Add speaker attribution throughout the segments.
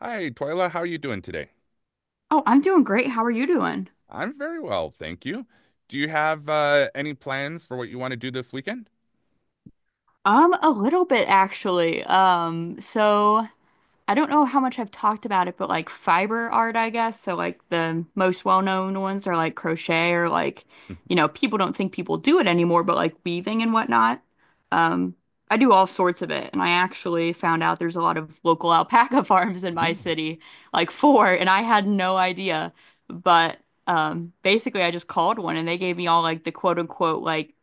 Speaker 1: Hi, Twyla. How are you doing today?
Speaker 2: Oh, I'm doing great. How are you doing?
Speaker 1: I'm very well, thank you. Do you have any plans for what you want to do this weekend?
Speaker 2: A little bit actually. So I don't know how much I've talked about it, but like fiber art, I guess. So like the most well-known ones are like crochet or like, you know, people don't think people do it anymore, but like weaving and whatnot. Um, I do all sorts of it, and I actually found out there's a lot of local alpaca farms in my
Speaker 1: Mm,
Speaker 2: city, like four, and I had no idea. But basically, I just called one, and they gave me all like the quote-unquote like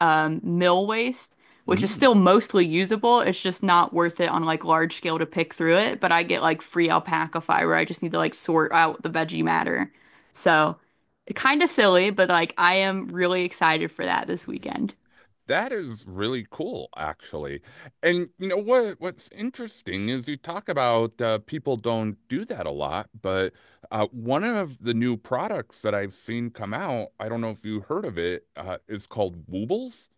Speaker 2: mill waste which is
Speaker 1: mm.
Speaker 2: still mostly usable. It's just not worth it on like large scale to pick through it. But I get like free alpaca fiber. I just need to like sort out the veggie matter. So kind of silly, but like I am really excited for that this weekend.
Speaker 1: That is really cool, actually. And you know what? What's interesting is you talk about people don't do that a lot, but one of the new products that I've seen come out, I don't know if you heard of it, is called Woobles.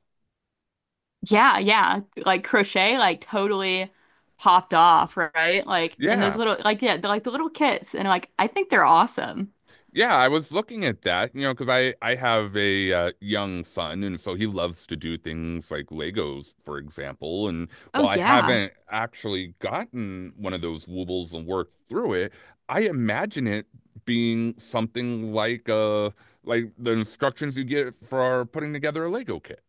Speaker 2: Yeah, yeah. Like crochet, like totally popped off, right? Like and those
Speaker 1: Yeah.
Speaker 2: little like yeah, like the little kits and like I think they're awesome.
Speaker 1: Yeah, I was looking at that, you know, because I have a young son, and so he loves to do things like Legos, for example. And
Speaker 2: Oh
Speaker 1: while I
Speaker 2: yeah.
Speaker 1: haven't actually gotten one of those Woobles and worked through it, I imagine it being something like the instructions you get for putting together a Lego kit.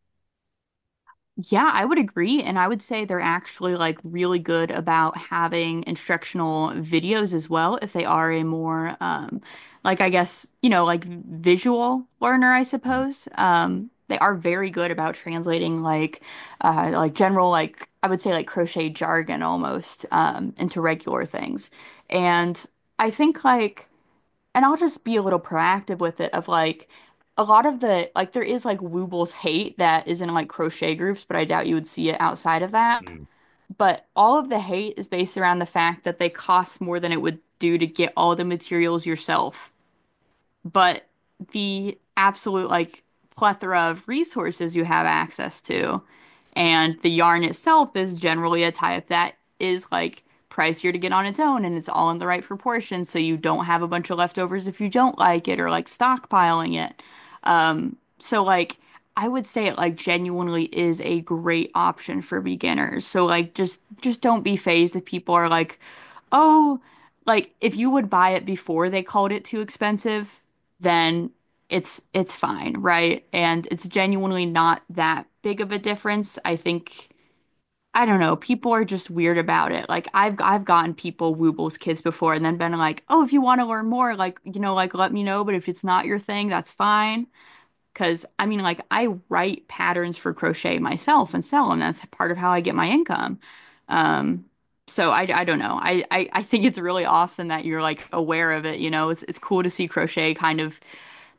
Speaker 2: Yeah, I would agree. And I would say they're actually like really good about having instructional videos as well, if they are a more like I guess, you know, like visual learner, I
Speaker 1: Mm,
Speaker 2: suppose. They are very good about translating like general like I would say like crochet jargon almost into regular things. And I think like and I'll just be a little proactive with it of like a lot of the like there is like Woobles hate that is in like crochet groups, but I doubt you would see it outside of that. But all of the hate is based around the fact that they cost more than it would do to get all the materials yourself but the absolute like plethora of resources you have access to. And the yarn itself is generally a type that is like pricier to get on its own and it's all in the right proportions so you don't have a bunch of leftovers if you don't like it or like stockpiling it. So like I would say it like genuinely is a great option for beginners. So like just don't be phased if people are like, "Oh, like if you would buy it before they called it too expensive, then it's fine, right? And it's genuinely not that big of a difference. I think I don't know, people are just weird about it. Like I've gotten people Woobles kids before and then been like, "Oh, if you want to learn more, like, you know, like let me know, but if it's not your thing, that's fine." Because I mean, like, I write patterns for crochet myself and sell them. That's part of how I get my income. Um, so I don't know. I think it's really awesome that you're like aware of it. You know, it's cool to see crochet kind of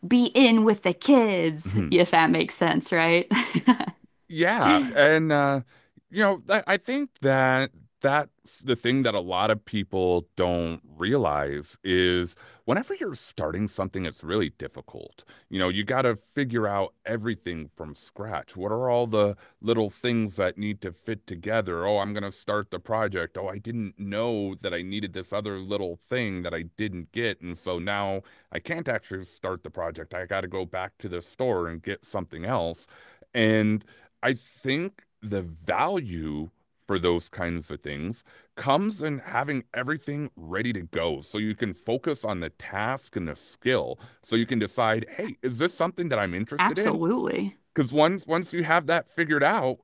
Speaker 2: be in with the kids,
Speaker 1: mm.
Speaker 2: if that makes sense, right?
Speaker 1: Yeah, and you know, I think that that's the thing that a lot of people don't realize is whenever you're starting something, it's really difficult. You know, you got to figure out everything from scratch. What are all the little things that need to fit together? Oh, I'm going to start the project. Oh, I didn't know that I needed this other little thing that I didn't get, and so now I can't actually start the project. I got to go back to the store and get something else. And I think the value for those kinds of things comes in having everything ready to go so you can focus on the task and the skill. So you can decide, hey, is this something that I'm interested in?
Speaker 2: Absolutely.
Speaker 1: Because once you have that figured out,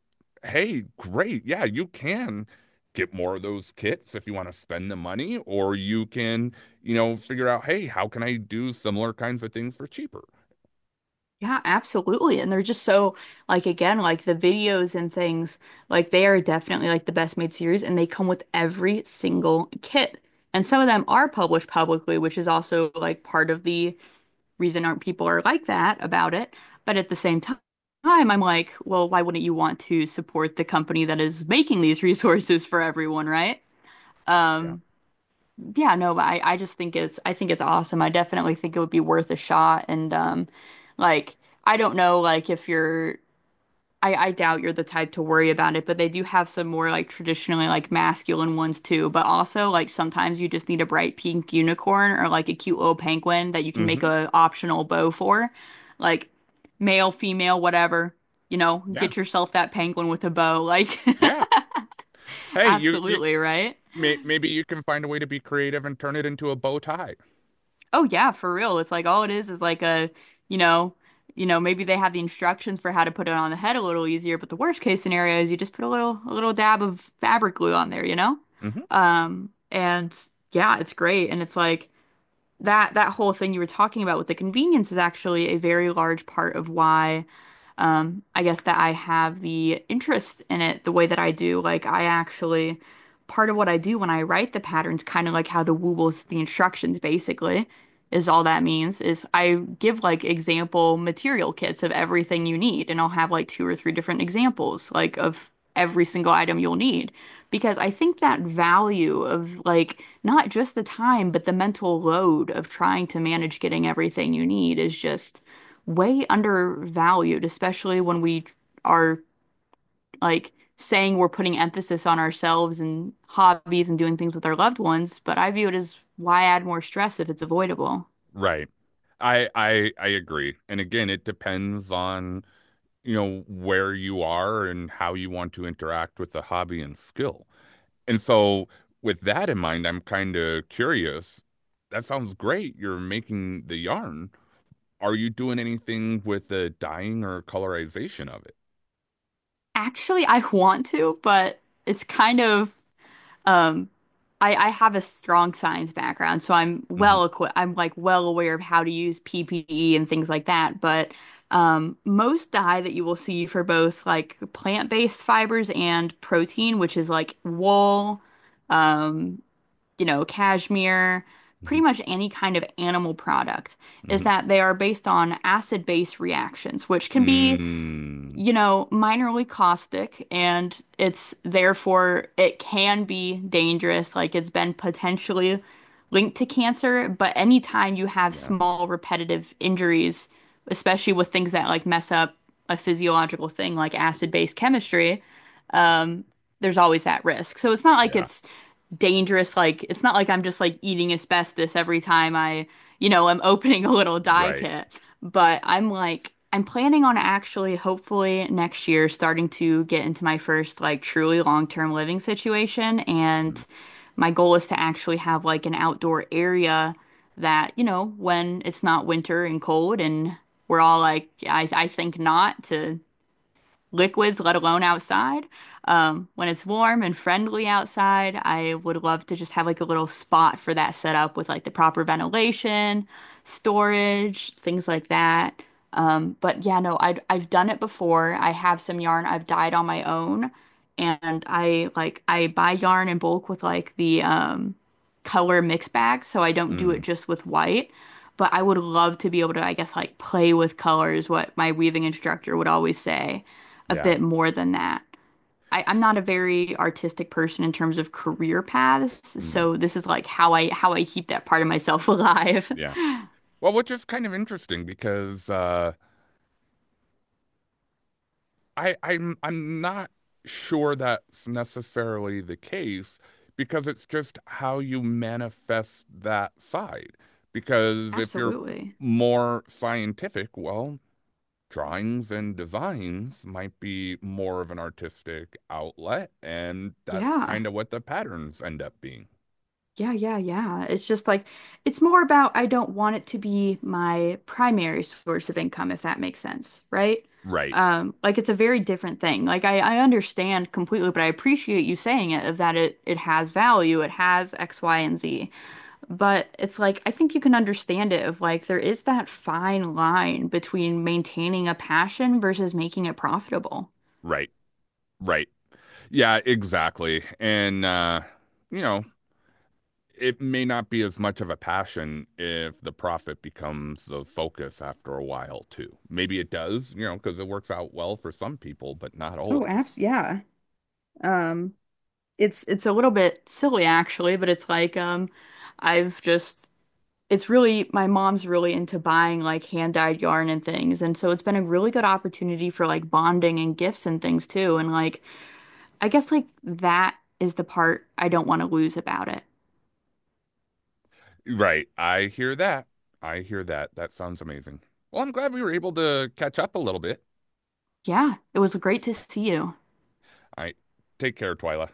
Speaker 1: hey, great. Yeah, you can get more of those kits if you want to spend the money, or you can, you know, figure out, hey, how can I do similar kinds of things for cheaper?
Speaker 2: Yeah, absolutely. And they're just so like again, like the videos and things, like they are definitely like the best made series and they come with every single kit. And some of them are published publicly, which is also like part of the reason aren't people are like that about it. But at the same time, I'm like, well, why wouldn't you want to support the company that is making these resources for everyone, right?
Speaker 1: Yeah.
Speaker 2: Um, yeah, no, but I just think it's I think it's awesome. I definitely think it would be worth a shot. And like I don't know like if you're I doubt you're the type to worry about it, but they do have some more like traditionally like masculine ones too. But also like sometimes you just need a bright pink unicorn or like a cute little penguin that you can make
Speaker 1: Hmm.
Speaker 2: a optional bow for. Like male, female, whatever, you know,
Speaker 1: Yeah.
Speaker 2: get yourself that penguin with a bow. Like
Speaker 1: Yeah. Hey, you
Speaker 2: absolutely, right?
Speaker 1: Maybe you can find a way to be creative and turn it into a bow tie.
Speaker 2: Oh yeah, for real. It's like all it is like a, you know, maybe they have the instructions for how to put it on the head a little easier, but the worst case scenario is you just put a little dab of fabric glue on there, you know?
Speaker 1: Mhm.
Speaker 2: And yeah, it's great. And it's like that whole thing you were talking about with the convenience is actually a very large part of why I guess that I have the interest in it the way that I do. Like I actually part of what I do when I write the patterns, kind of like how the woobles, the instructions basically is all that means is I give like example material kits of everything you need and I'll have like two or three different examples like of every single item you'll need. Because I think that value of like not just the time, but the mental load of trying to manage getting everything you need is just way undervalued, especially when we are like saying we're putting emphasis on ourselves and hobbies and doing things with our loved ones. But I view it as why add more stress if it's avoidable?
Speaker 1: Right. I agree. And again, it depends on, you know, where you are and how you want to interact with the hobby and skill. And so with that in mind, I'm kind of curious. That sounds great. You're making the yarn. Are you doing anything with the dyeing or colorization of it?
Speaker 2: Actually, I want to, but it's kind of Um, I have a strong science background, so I'm
Speaker 1: Hmm.
Speaker 2: well equipped. I'm like well aware of how to use PPE and things like that. But most dye that you will see for both like plant-based fibers and protein, which is like wool, um, you know, cashmere,
Speaker 1: Hmm.
Speaker 2: pretty much any kind of animal product, is
Speaker 1: Hmm.
Speaker 2: that they are based on acid-base reactions, which can be
Speaker 1: Mm,
Speaker 2: you know, minorly caustic and it's therefore it can be dangerous. Like it's been potentially linked to cancer, but anytime you have
Speaker 1: yeah,
Speaker 2: small repetitive injuries, especially with things that like mess up a physiological thing like acid-base chemistry, um, there's always that risk. So it's not like
Speaker 1: yeah,
Speaker 2: it's dangerous. Like it's not like I'm just like eating asbestos every time I, you know, I'm opening a little dye
Speaker 1: right.
Speaker 2: kit. But I'm like, I'm planning on actually, hopefully next year, starting to get into my first like truly long-term living situation.
Speaker 1: Mm,
Speaker 2: And my goal is to actually have like an outdoor area that, you know, when it's not winter and cold and we're all like, I think not to liquids, let alone outside. When it's warm and friendly outside, I would love to just have like a little spot for that set up with like the proper ventilation, storage, things like that. But yeah, no, I I've done it before. I have some yarn I've dyed on my own, and I like I buy yarn in bulk with like the color mix bag, so I don't do it
Speaker 1: mm,
Speaker 2: just with white. But I would love to be able to, I guess, like play with colors, what my weaving instructor would always say a
Speaker 1: yeah.
Speaker 2: bit more than that. I'm not a very artistic person in terms of career paths,
Speaker 1: Mm,
Speaker 2: so this is like how I keep that part of myself alive.
Speaker 1: yeah. Well, which is kind of interesting because I'm not sure that's necessarily the case because it's just how you manifest that side. Because if you're
Speaker 2: Absolutely.
Speaker 1: more scientific, well, drawings and designs might be more of an artistic outlet, and that's
Speaker 2: Yeah.
Speaker 1: kind of what the patterns end up being.
Speaker 2: Yeah, yeah, yeah. It's just like it's more about I don't want it to be my primary source of income, if that makes sense, right?
Speaker 1: Right,
Speaker 2: Like it's a very different thing. Like I understand completely, but I appreciate you saying it of that it has value, it has X, Y, and Z. But it's like, I think you can understand it of like, there is that fine line between maintaining a passion versus making it profitable.
Speaker 1: right, right. Yeah, exactly. And you know, it may not be as much of a passion if the profit becomes the focus after a while too. Maybe it does, you know, because it works out well for some people, but not
Speaker 2: Oh,
Speaker 1: always.
Speaker 2: abs yeah. Um, It's it's a little bit silly actually, but it's like I've just it's really my mom's really into buying like hand-dyed yarn and things, and so it's been a really good opportunity for like bonding and gifts and things too. And like I guess like that is the part I don't want to lose about it.
Speaker 1: Right. I hear that. I hear that. That sounds amazing. Well, I'm glad we were able to catch up a little bit.
Speaker 2: Yeah, it was great to see you.
Speaker 1: I take care, Twyla.